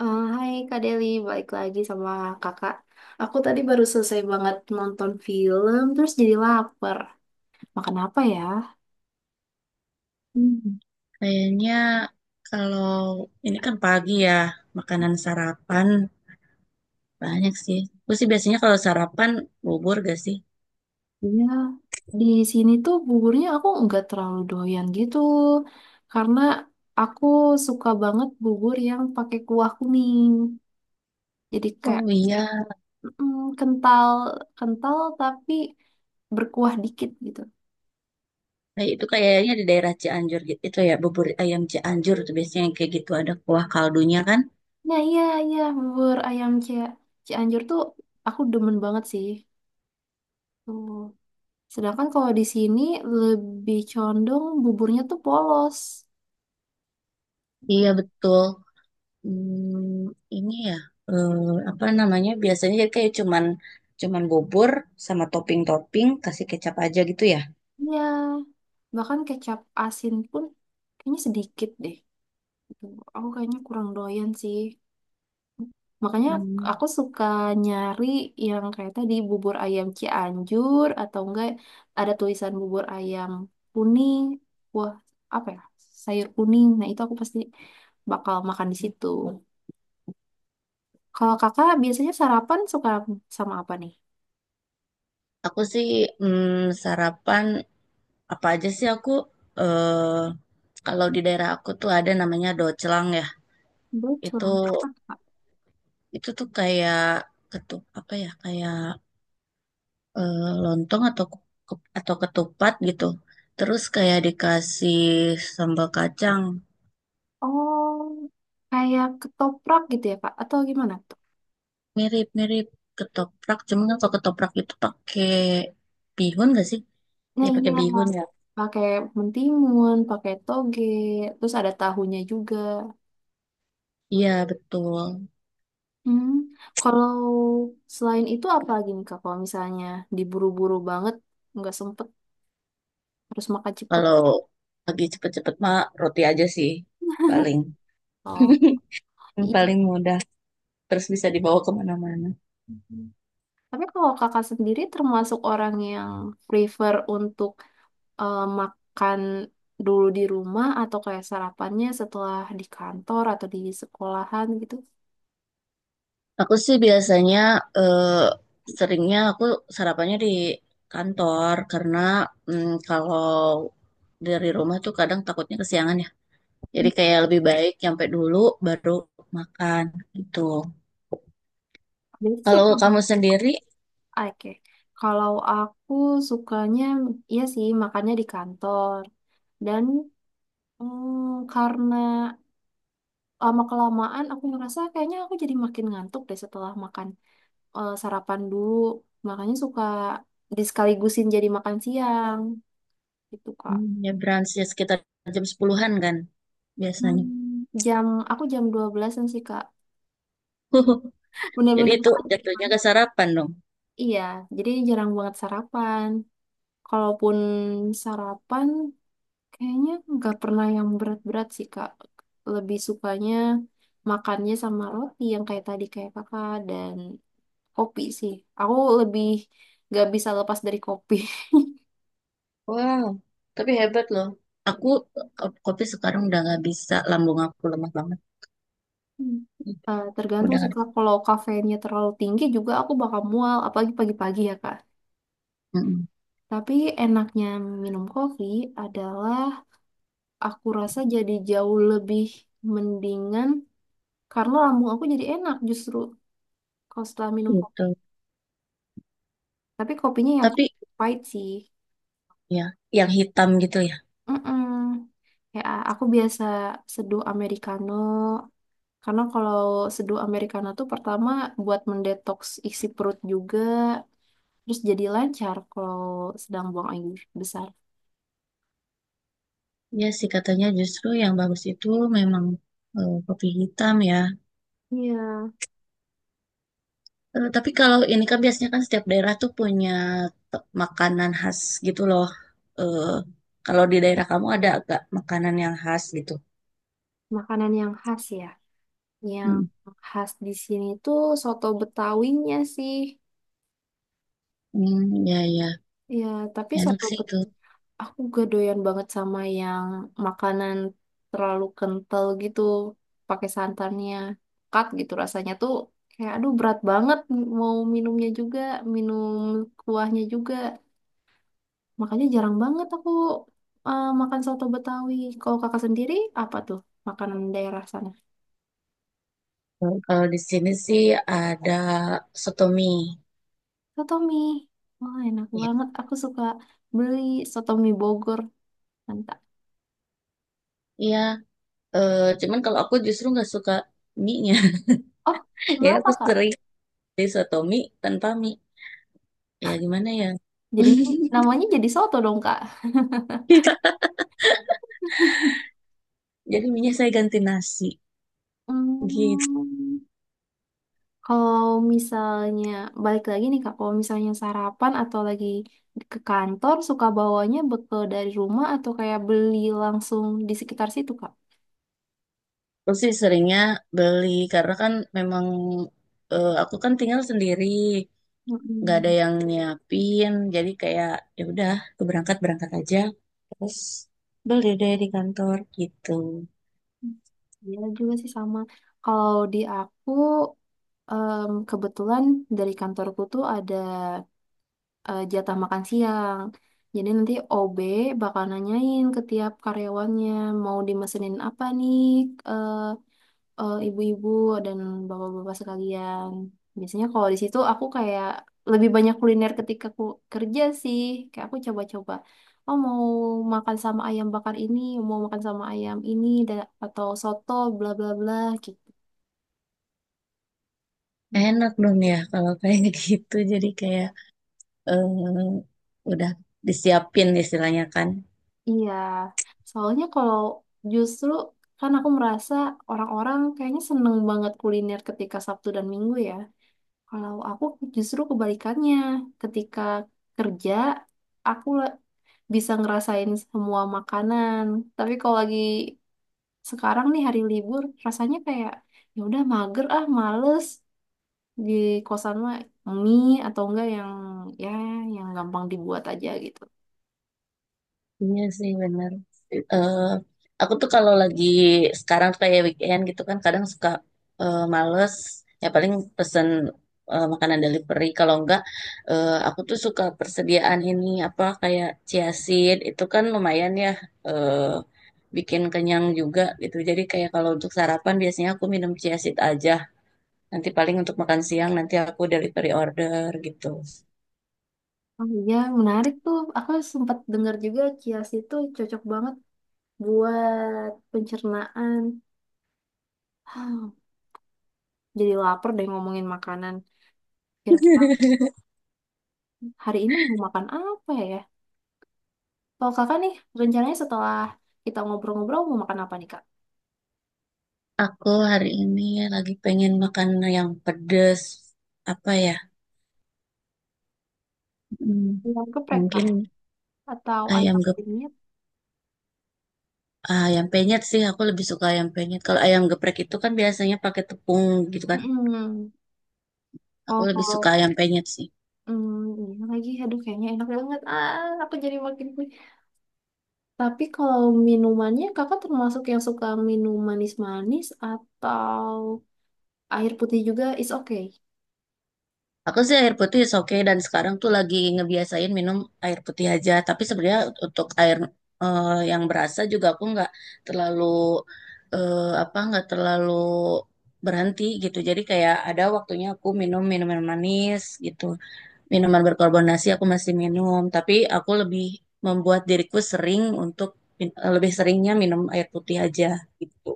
Hai Kak Deli, balik lagi sama kakak. Aku tadi baru selesai banget nonton film, terus jadi lapar. Makan apa ya? Hmm, Kayaknya kalau ini kan pagi ya, makanan sarapan banyak sih. Gue sih biasanya kalau sarapan bubur gak sih? Ya, di sini tuh buburnya aku nggak terlalu doyan gitu, karena aku suka banget bubur yang pakai kuah kuning. Jadi kayak Oh iya, kental, kental, tapi berkuah dikit gitu. kayak itu kayaknya di daerah Cianjur gitu itu ya, bubur ayam Cianjur tuh biasanya yang kayak gitu ada kuah kaldunya kan? Nah iya, iya, Cianjur tuh aku demen banget sih. Tuh. Sedangkan kalau di sini lebih condong buburnya tuh polos. Iya betul. Hmm, ini ya eh, apa namanya? Biasanya jadi kayak cuman cuman bubur sama topping-topping kasih kecap aja gitu ya. Iya, bahkan kecap asin pun kayaknya sedikit deh. Gitu. Aku kayaknya kurang doyan sih. Makanya Hmm, aku suka nyari yang kayak tadi bubur ayam Cianjur atau enggak ada tulisan bubur ayam kuning. Wah, apa ya? Sayur kuning. Nah, itu aku pasti bakal makan di situ. Kalau kakak biasanya sarapan suka sama apa nih? Aku sih mm, sarapan apa aja sih aku eh kalau di daerah aku tuh ada namanya docelang ya Bocor. itu Apa? itu tuh kayak ketup apa ya kayak eh, lontong atau ku- atau ketupat gitu terus kayak dikasih sambal kacang Oh, kayak ketoprak gitu ya, Kak? Atau gimana tuh? mirip-mirip ketoprak cuman kan kalau ketoprak itu pakai bihun gak sih ya Nah iya, pakai bihun ya pakai mentimun, pakai toge, terus ada tahunya juga. iya betul Hmm, kalau selain itu apa lagi nih Kak? Kalau misalnya diburu-buru banget, nggak sempet, harus makan cepet. kalau lagi cepet-cepet mah roti aja sih paling. Oh, Yang iya. paling mudah terus bisa dibawa kemana-mana. Tapi kalau kakak sendiri termasuk orang yang prefer untuk makan dulu di rumah atau kayak sarapannya setelah di kantor atau di sekolahan gitu? Aku sih biasanya eh, seringnya aku sarapannya di kantor karena kalau dari rumah tuh kadang takutnya kesiangan ya. Jadi kayak lebih baik nyampe dulu baru makan gitu. Jadi Kalau suka kamu bak sendiri oke. Kalau aku sukanya iya sih makannya di kantor. Dan karena lama kelamaan aku ngerasa kayaknya aku jadi makin ngantuk deh setelah makan sarapan dulu. Makanya suka disekaligusin jadi makan siang gitu, Kak. Ya brunch ya sekitar jam 10-an an kan biasanya. Hmm, jam aku jam 12-an sih, Kak. Jadi Bener-bener itu makan jatuhnya siang. ke sarapan dong. Iya, jadi jarang banget sarapan. Kalaupun sarapan kayaknya nggak pernah yang berat-berat sih, Kak. Lebih sukanya makannya sama roti yang kayak tadi kayak kakak dan kopi sih. Aku lebih nggak bisa lepas dari kopi. Wow, tapi hebat loh. Aku kopi sekarang udah nggak bisa, lambung aku lemah banget. Hmm. Tergantung Udah sih nggak. Kak. Kalau kafeinnya terlalu tinggi juga aku bakal mual, apalagi pagi-pagi ya Kak. Mm-mm. Tapi enaknya minum kopi adalah aku rasa jadi jauh lebih mendingan karena lambung aku jadi enak justru kalau setelah minum kopi. Gitu. Tapi kopinya yang Tapi kopi pahit sih. ya, yang hitam gitu ya. mm Ya, aku biasa seduh Americano. Karena kalau seduh Americano tuh pertama buat mendetoks isi perut juga. Terus jadi lancar kalau sedang buang air besar. Ya sih katanya justru yang bagus itu memang, kopi hitam ya. Iya, Eh, tapi kalau ini kan biasanya kan setiap daerah tuh punya te- makanan khas gitu loh. Eh, kalau di daerah kamu ada agak makanan yang khas gitu. makanan yang khas ya. Yang Hmm, khas di sini tuh soto betawinya sih. Hmm, ya ya, Ya, tapi enak sih itu. aku gak doyan banget sama yang makanan terlalu kental gitu pakai santannya kat gitu rasanya tuh kayak aduh berat banget, mau minumnya juga, minum kuahnya juga. Makanya jarang banget aku makan soto Betawi. Kalau kakak sendiri apa tuh makanan daerah sana? Kalau di sini sih ada soto mie. Soto mie, wah enak Iya, banget, aku suka beli soto mie Bogor, mantap. iya. Eh, cuman kalau aku justru nggak suka mie-nya. Oh, Ya kenapa aku Kak? sering disotomi tanpa mie. Ya gimana ya? Jadinya namanya jadi soto dong Kak. Jadi mie saya ganti nasi. Gitu. Hmm, kalau misalnya balik lagi nih Kak, kalau misalnya sarapan atau lagi ke kantor suka bawanya bekal dari rumah atau kayak beli langsung di sekitar situ Kak? Terus sih seringnya beli karena kan memang, aku kan tinggal sendiri, nggak ada Mm-mm. yang nyiapin. Jadi kayak ya udah, aku berangkat berangkat aja. Terus beli deh di kantor gitu. Iya juga sih sama. Kalau di aku kebetulan dari kantorku tuh ada jatah makan siang. Jadi nanti OB bakal nanyain ke tiap karyawannya mau dimesenin apa nih, eh, ibu-ibu dan bapak-bapak sekalian. Biasanya kalau di situ aku kayak lebih banyak kuliner ketika aku kerja sih. Kayak aku coba-coba, oh mau makan sama ayam bakar ini, mau makan sama ayam ini, atau soto, bla bla bla gitu. Enak dong ya kalau kayak gitu. Jadi kayak eh, udah disiapin istilahnya kan. Iya, soalnya kalau justru kan aku merasa orang-orang kayaknya seneng banget kuliner ketika Sabtu dan Minggu ya. Kalau aku justru kebalikannya, ketika kerja, aku bisa ngerasain semua makanan. Tapi kalau lagi sekarang nih hari libur, rasanya kayak ya udah mager ah, males di kosan mah mie atau enggak yang ya yang gampang dibuat aja gitu. Iya sih bener. Eh aku tuh kalau lagi sekarang tuh kayak weekend gitu kan kadang suka males, ya paling pesen makanan delivery kalau enggak aku tuh suka persediaan ini apa kayak chia seed itu kan lumayan ya, eh bikin kenyang juga gitu. Jadi kayak kalau untuk sarapan biasanya aku minum chia seed aja. Nanti paling untuk makan siang nanti aku delivery order gitu. Oh iya, menarik tuh. Aku sempat dengar juga kias itu cocok banget buat pencernaan. Jadi lapar deh ngomongin makanan. Kira-kira hari ini mau makan apa ya? Kalau kakak nih, rencananya setelah kita ngobrol-ngobrol mau makan apa nih, Kak? Aku hari ini lagi pengen makan yang pedes. Apa ya? Hmm, Ayam geprek, Kak. mungkin Atau ayam ayam gep penyet. ayam penyet sih. Aku lebih suka ayam penyet. Kalau ayam geprek itu kan biasanya pakai tepung gitu kan. Mm-mm. Aku Kalau lebih kalau suka ayam penyet sih. Iya lagi, aduh kayaknya enak banget. Ah, aku jadi makin punya. Tapi kalau minumannya, kakak termasuk yang suka minum manis-manis atau air putih juga is okay. Aku sih air putih is oke dan sekarang tuh lagi ngebiasain minum air putih aja. Tapi sebenarnya untuk air yang berasa juga aku nggak terlalu eh, apa nggak terlalu berhenti gitu. Jadi kayak ada waktunya aku minum minuman manis gitu. Minuman berkarbonasi aku masih minum, tapi aku lebih membuat diriku sering untuk min- lebih seringnya minum air putih aja gitu.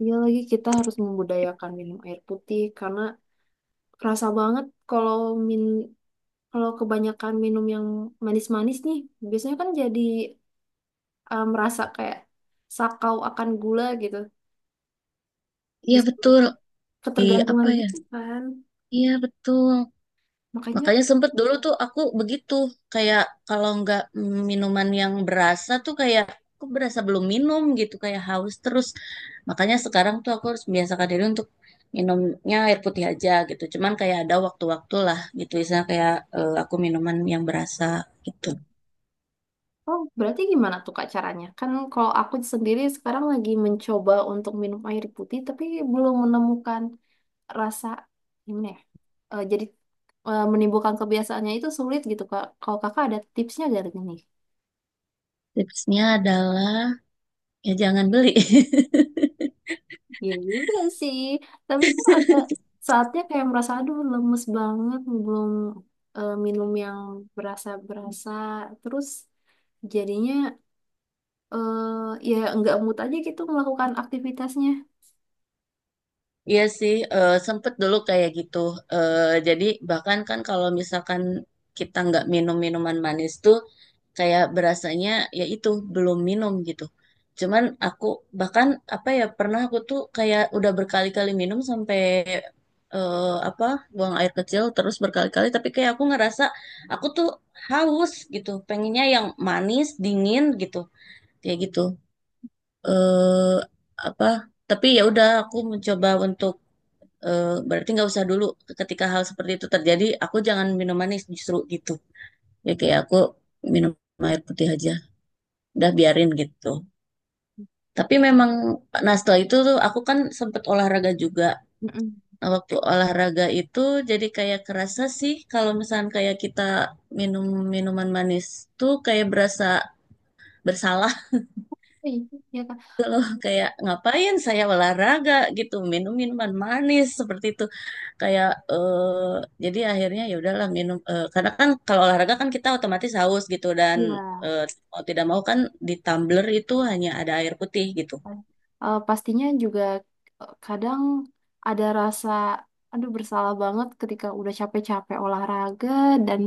Iya lagi kita harus membudayakan minum air putih karena kerasa banget kalau min kalau kebanyakan minum yang manis-manis nih, biasanya kan jadi merasa kayak sakau akan gula gitu. Iya Bisa betul. Di ketergantungan apa ya? gitu kan. Iya betul. Makanya, Makanya sempet dulu tuh aku begitu kayak kalau nggak minuman yang berasa tuh kayak aku berasa belum minum gitu kayak haus terus. Makanya sekarang tuh aku harus membiasakan diri untuk minumnya air putih aja gitu. Cuman kayak ada waktu-waktu lah gitu. Misalnya kayak aku minuman yang berasa gitu. oh berarti gimana tuh Kak caranya? Kan kalau aku sendiri sekarang lagi mencoba untuk minum air putih, tapi belum menemukan rasa gimana ya? Jadi menimbulkan kebiasaannya itu sulit gitu Kak. Kalau Kakak ada tipsnya gak nih? Tipsnya adalah ya jangan beli. Iya juga sih. Tapi kan ada saatnya kayak merasa, aduh lemes banget, belum minum yang berasa-berasa. Terus jadinya eh ya nggak mood aja gitu melakukan aktivitasnya. Iya sih, sempet dulu kayak gitu. Eh, jadi bahkan kan kalau misalkan kita nggak minum minuman manis tuh kayak berasanya ya itu belum minum gitu. Cuman aku bahkan apa ya pernah aku tuh kayak udah berkali-kali minum sampai eh, apa buang air kecil terus berkali-kali tapi kayak aku ngerasa aku tuh haus gitu, pengennya yang manis, dingin gitu. Kayak gitu. eh apa, tapi ya udah aku mencoba untuk berarti nggak usah dulu ketika hal seperti itu terjadi aku jangan minum manis justru gitu, ya kayak aku minum air putih aja udah biarin gitu tapi memang, nah setelah itu tuh aku kan sempet olahraga juga. Mm-mm. Nah, waktu olahraga itu jadi kayak kerasa sih kalau misalnya kayak kita minum minuman manis tuh kayak berasa bersalah. Iya, iya, Kak. Loh kayak ngapain saya olahraga gitu minum minuman manis seperti itu kayak jadi akhirnya ya udahlah minum, karena kan kalau olahraga kan kita otomatis haus gitu dan Iya. eh, mau tidak mau kan di tumbler itu hanya ada air putih gitu. Pastinya juga kadang ada rasa, aduh bersalah banget ketika udah capek-capek olahraga dan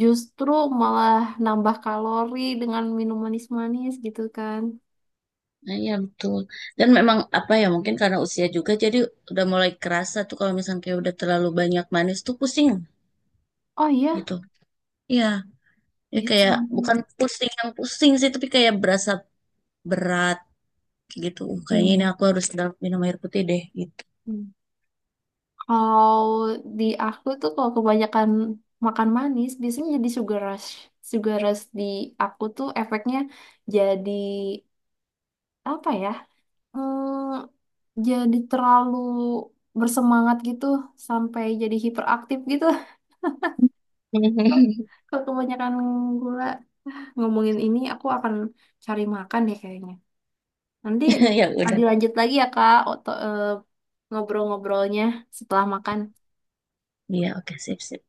justru malah nambah kalori dengan minum manis-manis gitu kan. Nah, iya betul. Dan memang apa ya mungkin karena usia juga jadi udah mulai kerasa tuh kalau misalnya kayak udah terlalu banyak manis tuh pusing Oh iya, gitu. Iya, ya iya sih. kayak bukan pusing yang pusing sih tapi kayak berasa berat gitu. Kayaknya ini Hmm. aku harus minum air putih deh gitu. Hmm. Kalau di aku tuh kalau kebanyakan makan manis biasanya jadi sugar rush. Sugar rush di aku tuh efeknya jadi apa ya? Hmm, jadi terlalu bersemangat gitu sampai jadi hiperaktif gitu. Kalau kebanyakan gula ngomongin ini, aku akan cari makan deh kayaknya. Nanti Ya ah, udah. dilanjut lagi ya Kak, ngobrol-ngobrolnya setelah makan. Iya, oke, sip, sip.